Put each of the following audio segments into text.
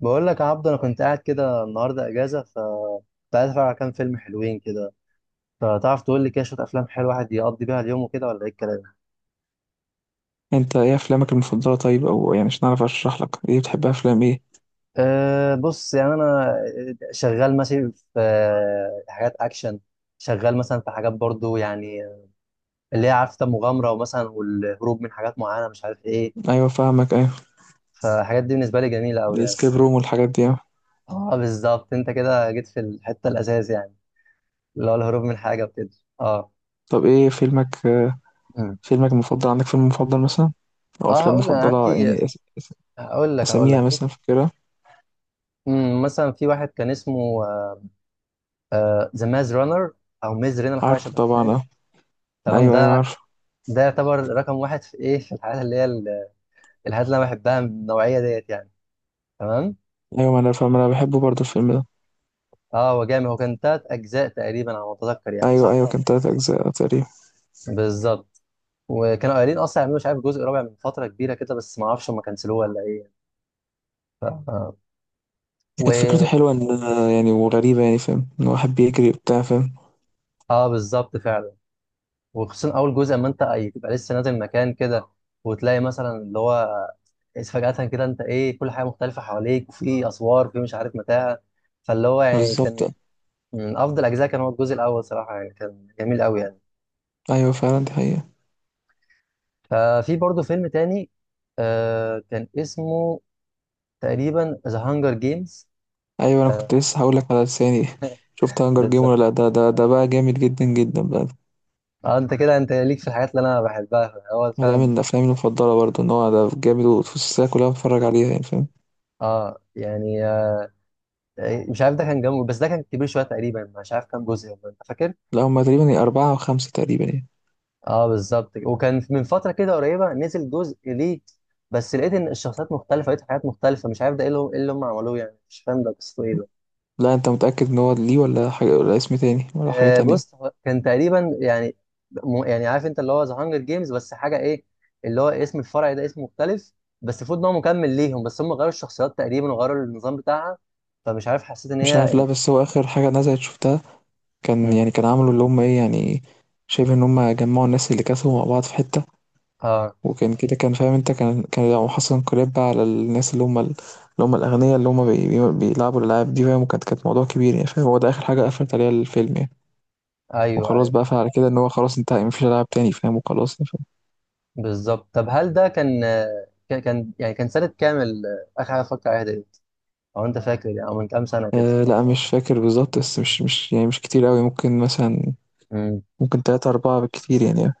بقول لك يا عبدو، انا كنت قاعد كده النهارده اجازه. كنت عايز اتفرج على كام فيلم حلوين كده. فتعرف تقول لي كده شويه افلام حلوه الواحد يقضي بيها اليوم وكده، ولا ايه الكلام؟ انت ايه افلامك المفضله؟ طيب، او يعني مش نعرف اشرح لك ايه بتحبها، افلام ايه؟ بص يعني انا شغال ماشي في حاجات اكشن. شغال مثلا في حاجات برضو يعني، اللي هي عارفه، مغامره ومثلا والهروب من حاجات معينه، مش عارف ايه. ايوه فاهمك، ايوه. فالحاجات دي بالنسبه لي جميله قوي يعني. الاسكيب روم والحاجات دي، اه. اه، بالظبط. انت كده جيت في الحته الاساس يعني، اللي هو الهروب من حاجه وكده. اه. طب ايه مم. فيلمك المفضل؟ عندك فيلم مفضل مثلا؟ او اه، افلام هقول لك، انا مفضله عندي يعني، هقول لك هقول لك اساميها بص. مثلا فاكرها؟ مثلا في واحد كان اسمه ذا ماز رانر، او ميز رينر، حاجه عارفه شبه كده طبعا، يعني. اه. تمام، ايوه ايوه ده عارفه. ده يعتبر رقم واحد في ايه، في الحاجات اللي هي الحاجات اللي انا بحبها من النوعيه ديت يعني. تمام. ايوه، ما انا فاهم، انا بحبه برضه الفيلم ده. اه، هو جامد. هو كان 3 اجزاء تقريبا على ما اتذكر يعني، ايوه صح ايوه، كان ولا؟ 3 اجزاء تقريبا. لا؟ بالظبط. وكانوا قايلين اصلا يعملوا مش عارف جزء رابع من فتره كبيره كده، بس ما اعرفش هم كنسلوه ولا ايه يعني. ف... آه. كانت فكرته و حلوه، ان يعني وغريبه يعني، فاهم، ان واحد بيجري وبتاع، فاهم. اه، بالظبط فعلا. وخصوصا اول جزء، ما انت تبقى لسه نازل مكان كده، وتلاقي مثلا اللي هو فجأة كده انت ايه كل حاجه مختلفه حواليك، وفي اسوار، وفي مش عارف متاهه. فاللي هو يعني بالظبط. كان من افضل اجزاء، كان هو الجزء الاول صراحه يعني، كان جميل قوي يعني. ايوه فعلا، دي حقيقة. ففي برضه فيلم تاني، كان اسمه تقريبا ذا هانجر جيمز. أيوه، أنا كنت لسه هاقول لك على لساني شُفت Hunger Game بالظبط. والّا لأ؟ ده بقى جامد جدًا، جدًا بقى. اه، انت كده، انت ليك في الحاجات اللي انا بحبها، هو وده فعلا. من أفلامي المفضلة برضه، إن هو ده جامد، والسلسلة كلّها باتفرّج عليها يعني، فاهم. اه يعني مش عارف، ده كان جنبه، بس ده كان كبير شويه تقريبا، مش عارف كام جزء والله. انت فاكر؟ لأ، هُم تقريبًا 4 أو 5 تقريبًا يعني. اه، بالظبط كده. وكان من فتره كده قريبه نزل جزء ليه، بس لقيت ان الشخصيات مختلفه، لقيت حاجات مختلفه، مش عارف ده ايه اللي هم, إيه اللي هم عملوه يعني، مش فاهم ده قصته ايه ده. لأ، أنت متأكد إن هو ليه والّا حاجة، والّا اسم تاني والّا حاجة تانية؟ بص، هو كان تقريبا يعني، يعني عارف انت اللي هو ذا هانجر جيمز، بس حاجه ايه، اللي هو اسم الفرع ده اسم مختلف. بس المفروض ان هو مكمل ليهم، بس هم غيروا الشخصيات تقريبا، وغيروا النظام بتاعها. فمش عارف، حسيت ان مش عارف، لأ، هي بس هو آخر حاجة نزلت شُفتها كان مم. يعني، كان عملوا اللي هُم إيه يعني، شبه إن هُم جمّعوا الناس اللي كسبوا مع بعض في حتّة. اه. وكان كده، كان فاهم انت، كان لو حصل انقلاب بقى على الناس اللي هم اللي هم الاغنياء، اللي هم بي بي بيلعبوا الالعاب دي، فاهم. وكانت موضوع كبير يعني، فاهم، هو ده اخر حاجه قفلت عليها الفيلم يعني. ايوه، وخلاص ايوه. بقى، فعلى كده ان هو خلاص انتهى، يعني مفيش العاب تاني، فاهم، وخلاص يعني، فاهم. بالظبط. طب هل ده كان يعني كان سنه كامل اخر حاجه اتفرجت عليها ده؟ او انت فاكر يعني؟ او من كام سنه كده؟ آه لا، مش فاكر بالظبط، بس مش يعني مش كتير قوي، ممكن مثلا، امم. ممكن تلاتة أربعة بالكتير يعني يعني.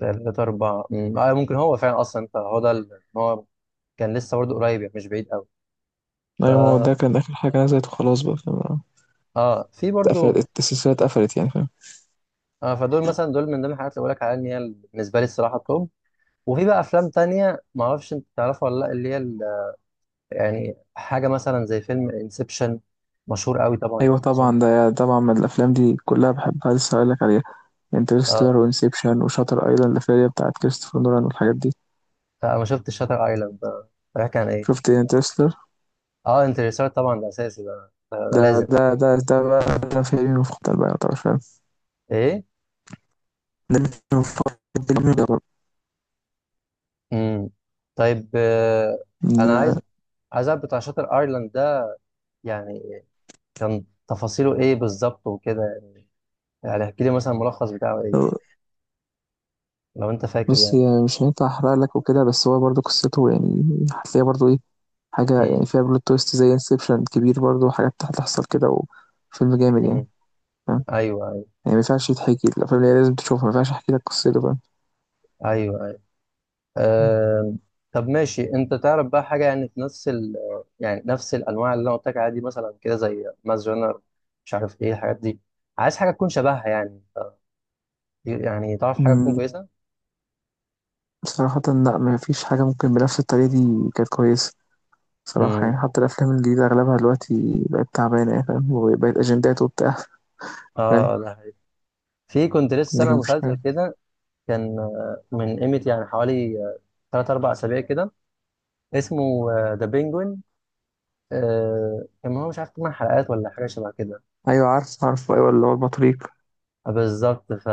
3 4، ممكن هو فعلا أصلا، فهو ده هو كان لسه برضه قريب يعني، مش بعيد أوي. ايوه، ما هو فا ده كان اخر حاجه نزلت وخلاص بقى، فاهم. في برضه اتقفلت السلسله، اتقفلت يعني، فاهم. فدول مثلا، دول من ضمن الحاجات اللي بقولك عليها إن هي بالنسبة لي الصراحة التوب. وفي بقى أفلام تانية، معرفش أنت تعرفها ولا لأ، اللي هي يعني حاجة مثلا زي فيلم انسبشن، مشهور أوي طبعا ايوه يعني طبعا، أظن. ده طبعا من الافلام دي كلها بحبها، لسه هقولك عليها: انترستيلر آه وانسبشن وشاتر ايلاند، الفيلم بتاعت كريستوفر نولان والحاجات دي. أنا ما شفتش شاتر أيلاند ده. بيحكي عن إيه؟ شفت انترستيلر؟ انترستيلر طبعا، ده أساسي، ده ده لازم. ده بقى، ده فيلمي المفضل بقى يعتبر، فاهم. إيه؟ ده مش مفضل، فيلمي يعتبر. امم طيب، انا إن- عايز اعرف بتاع شاطر ايرلاند ده، يعني كان تفاصيله ايه بالظبط وكده. يعني احكي لي مثلا الملخص بتاعه ايه، لو انت فاكر بص يعني. يعني، مش هينفع احرق لك وكده، بس هو برضه قصته يعني هتلاقيها برضه ايه، حاجة امم. يعني فيها بلوت تويست زي انسبشن، كبير برضه، حاجات هتحصل كده. وفيلم جامد يعني، امم. فاهم. ايوه، ايوه. يعني مينفعش يتحكي، الأفلام اللي هي لازم تشوفها مينفعش أحكي لك قصته، فاهم. ايوه، ايوه. أم. طب ماشي، انت تعرف بقى حاجه يعني في نفس يعني نفس الانواع اللي انا قلت لك عليها دي، مثلا كده زي ماس جنر، مش عارف ايه الحاجات دي. عايز حاجه تكون شبهها يعني، يعني تعرف حاجه تكون أمم، كويسه. صراحة لأ، مفيش حاجة ممكن بنفس الطريقة دي كانت كويسة صراحة يعني. امم. حتى الأفلام الجديدة أغلبها دلوقتي بقت تعبانة يعني، فاهم، وبقت أجندات وبتاع، فاهم. اه، ده حقيقي. في كنت لسه لكن سامع مفيش مسلسل حاجة. كده، كان من قيمة يعني حوالي 3 4 أسابيع كده، اسمه ذا بينجوين. كان هو مش عارف 8 حلقات ولا حاجة شبه كده. أيوة عارف عارف، أيوة اللي هو البطريق. بالظبط.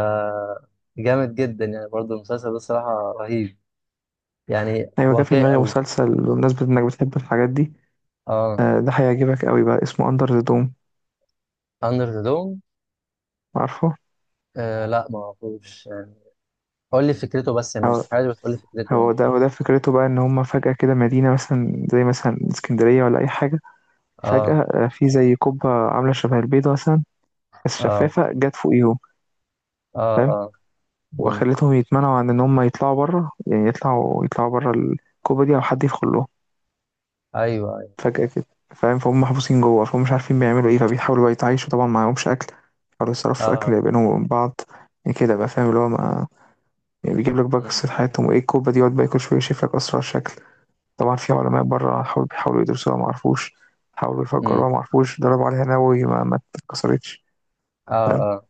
جامد جدا يعني، برضه المسلسل ده الصراحة رهيب، يعني أيوة، جه في واقعي دماغي قوي. مسلسل بمناسبة إنك بتحب الحاجات دي، اه. ده هيعجبك أوي بقى، اسمه أندر ذا دوم. أندر ذا دوم. عارفه؟ لا، ما اعرفوش يعني. قول لي فكرته بس يعني، مش هو حاجة، بس قول لي فكرته يعني. هو ده هو ده فكرته بقى، إن هما فجأة كده مدينة مثلا زي مثلا اسكندرية ولا أي حاجة، اه، فجأة في زي قبة عاملة شبه البيضة مثلا، بس اه. شفافة، جت فوقيهم. اه، اه. مم. وخلتهم يتمنعوا عن ان هم يطلعوا بره، يعني يطلعوا بره الكوبا دي، او حد يدخل لهم ايوه، ايوه. فجأة كده، فاهم. فهم محبوسين جوه، فهم مش عارفين بيعملوا ايه، فبيحاولوا بقى يتعايشوا. طبعا معهمش اكل، بيحاولوا يصرفوا اه. اكل بينهم وبين بعض يعني كده بقى، فاهم اللي هو ما يعني. بيجيب لك بقى مم. قصة حياتهم، وايه الكوبا دي، يقعد بقى كل شوية يشوف لك اسرع شكل. طبعا في علماء بره حاولوا، بيحاولوا يدرسوها ما عرفوش، حاولوا مم. يفجروها ما عرفوش، ضربوا عليها نووي ما اتكسرتش، اه، فاهم. آه.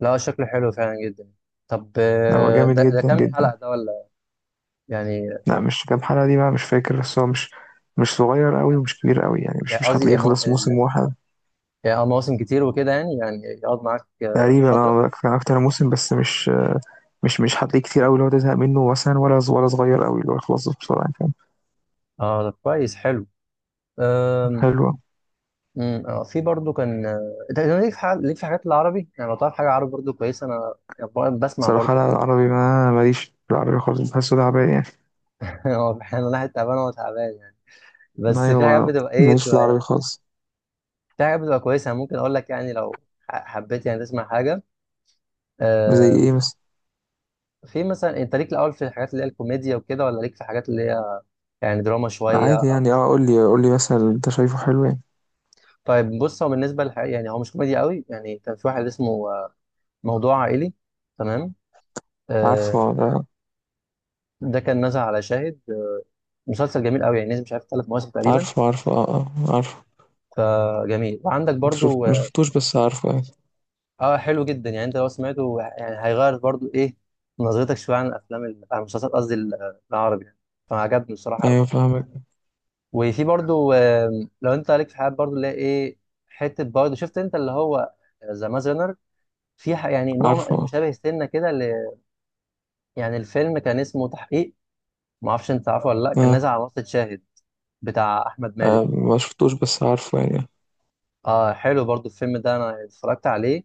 لا، شكله حلو فعلا جدا. طب، هو آه، جامد ده ده جدا كام حلقة جدا. ده ولا؟ يعني، لا مش كام حلقة دي بقى، مش فاكر، بس هو مش صغير قوي ومش كبير قوي يعني، مش يعني مش قصدي هتلاقيه يخلص موسم واحد. يعني مواسم كتير وكده، يعني يقعد معاك تقريبا فترة. اه، كان اكتر من موسم، بس مش هتلاقيه كتير قوي اللي هو تزهق منه مثلا، ولا ولا صغير قوي اللي هو يخلص بسرعة يعني. اه، طب كويس، حلو. فاهم، أم، حلوة. أم، آه، في برضو كان انت ليك في حاجات العربي، يعني لو تعرف حاجة عربي برضو كويسة، انا يعني بقعد بسمع صراحة برضو لا، حاجات. العربي ما ماليش في العربي خالص، بحسه تعبان يعني. هو احيانا الواحد تعبان، هو تعبان يعني، بس ايوه، في حاجات ما بتبقى ايه، ماليش في العربي بتبقى خالص. في حاجات بتبقى كويسة. أنا ممكن اقول لك يعني، لو حبيت يعني تسمع حاجة، زي آه، ايه مثلا؟ في مثلا، انت ليك الاول في الحاجات اللي هي الكوميديا وكده، ولا ليك في حاجات اللي هي يعني دراما شويه عادي او؟ يعني، اه، قول لي مثلا انت شايفه حلو يعني. طيب بص، هو بالنسبه يعني هو مش كوميديا قوي يعني، كان في واحد اسمه موضوع عائلي. تمام. آه، عارفه ده. ده كان نزل على شاهد، مسلسل جميل قوي يعني، نزل مش عارف 3 مواسم تقريبا. عارفه عارفه، اه اه، عارفه. فجميل. وعندك انت شفت برضو ما اه، شفتوش، بس عارفه يعني. حلو جدا يعني. انت لو سمعته يعني هيغير برضو ايه نظرتك شويه عن الافلام عن المسلسلات قصدي، العربي يعني. فعجبني بصراحه قوي. ايوه فاهمك، وفي برضو، لو انت عليك في حاجات برضو اللي هي ايه، حته برضو، شفت انت اللي هو ذا مازنر؟ في يعني نوع عارفه مشابه سنه كده يعني الفيلم كان اسمه تحقيق. ما اعرفش انت عارفه ولا لا، كان اه. نازل على منصه شاهد، بتاع احمد مالك. آه، ما شفتوش، بس عارفه يعني. اه، حلو برضو الفيلم ده، انا اتفرجت عليه.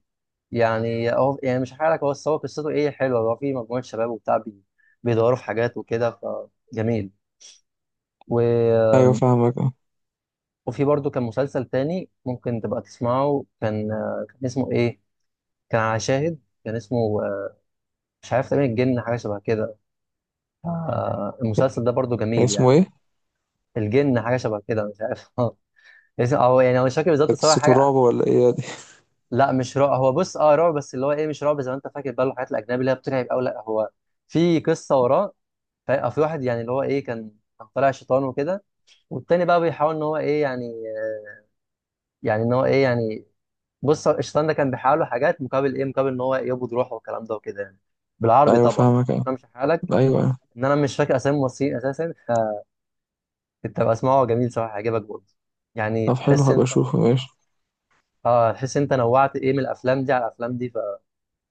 يعني هو يعني مش هحكي لك هو، بس هو قصته ايه، حلوه. هو في مجموعه شباب وبتاع بيدوروا في حاجات وكده. فجميل و... ايوه فاهمك اه. وفي برضو كان مسلسل تاني ممكن تبقى تسمعه، كان اسمه ايه. كان على شاهد. كان اسمه آه، مش عارف تقريبا الجن، حاجه شبه كده. المسلسل ده برضو يعني جميل اسمه يعني. ايه؟ الجن حاجه شبه كده، مش عارف. هو مش فاكر بالظبط، ده بس هو قصة حاجه. الرعب ولا ايه دي؟ لا، مش رعب، هو بص، اه رعب، بس اللي هو ايه، مش رعب زي ما انت فاكر بقى الحاجات الاجنبي اللي هي بترعب، او لا، هو في قصه وراه. في واحد، يعني اللي هو ايه، كان طالع شيطان وكده، والتاني بقى بيحاول ان هو ايه يعني، يعني ان هو ايه يعني، بص، الشيطان ده كان بيحاول له حاجات، مقابل ايه، مقابل ان هو يقبض روحه والكلام ده وكده يعني، بالعربي ايوه طبعا. فاهمك اه. امشي حالك. ايوه أيوة. ان انا مش فاكر اسامي الممثلين اساسا، فكنت بقى اسمعه، جميل صراحه، هيعجبك برضه. يعني طب حلو، تحس هبقى انت، اشوفه ماشي. اه، تحس انت نوعت ايه من الافلام دي على الافلام دي.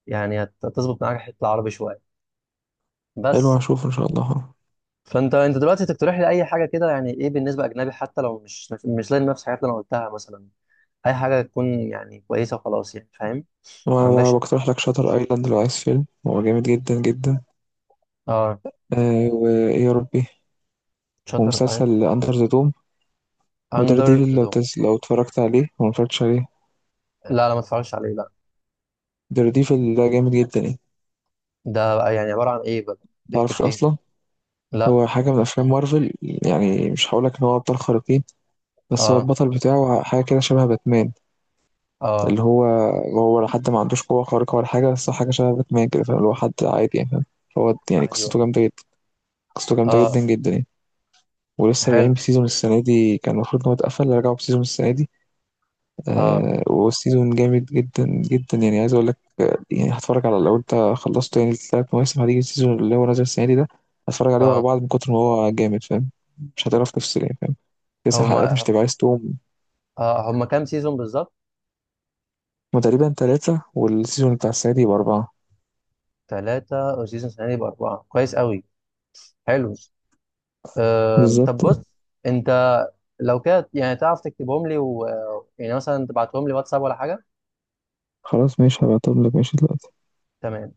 يعني هتظبط معاك الحته العربي شويه حلو، بس. هشوفه ان شاء الله، آه. فانت دلوقتي تقترح لي اي حاجه كده يعني، ايه بالنسبه اجنبي، حتى لو مش لاقي نفس الحاجات اللي انا قلتها مثلا، اي حاجه تكون يعني كويسه وخلاص، يعني فاهم. ما وانا بقى عندكش. بقترح لك شاتر ايلاند، لو عايز فيلم هو جامد جدا جدا. اه. آه، وايه يا ربي، شاتر ايلاند. ومسلسل اندر ذا دوم، ودار اندر ديفل ذا لو دوم. لو اتفرجت عليه، لو ما اتفرجتش عليه. لا، لا، ما اتفرجش عليه، لا. دار ديفل ده جامد جدا يعني. ده بقى يعني عباره عن ايه بقى؟ بيحكي متعرفش في ايه؟ اصلا؟ لا. هو حاجة من أفلام مارفل يعني، مش هقولك إن هو أبطال خارقين، بس هو اه. البطل بتاعه حاجة كده شبه باتمان. اه. اللي هو هو حتى ما عندوش قوة خارقة ولا حاجة، بس هو حاجة شبه باتمان كده، فاهم، اللي هو حد عادي يعني، فاهم. هو يعني قصته ايوه. جامدة جدا، قصته جامدة جدا اه. جدا يعني. ولسه راجعين حلو. بسيزون السنة دي، كان المفروض إن هو اتقفل، رجعوا بسيزون السنة دي. اه. آه، وسيزون جامد جدا جدا يعني، عايز أقول لك، يعني هتفرج على، لو أنت خلصت يعني ال3 مواسم، هتيجي السيزون اللي هو نازل السنة دي، ده هتفرج عليه ورا اه. بعض من كتر ما هو جامد، فاهم. مش هتعرف تفصل يعني، فاهم. 9 حلقات مش هما هتبقى عايز تقوم. هما كام سيزون بالظبط؟ هما تقريبا 3، والسيزون بتاع السنة دي يبقى 4. 3، والسيزون السنة دي يبقى 4. كويس قوي. حلو. طب بالظبط. بص، أنت، لو كده يعني تعرف تكتبهم لي. يعني مثلا تبعتهم لي واتساب، ولا حاجة؟ خلاص ماشي، هبعتهم لك ماشي دلوقتي. تمام.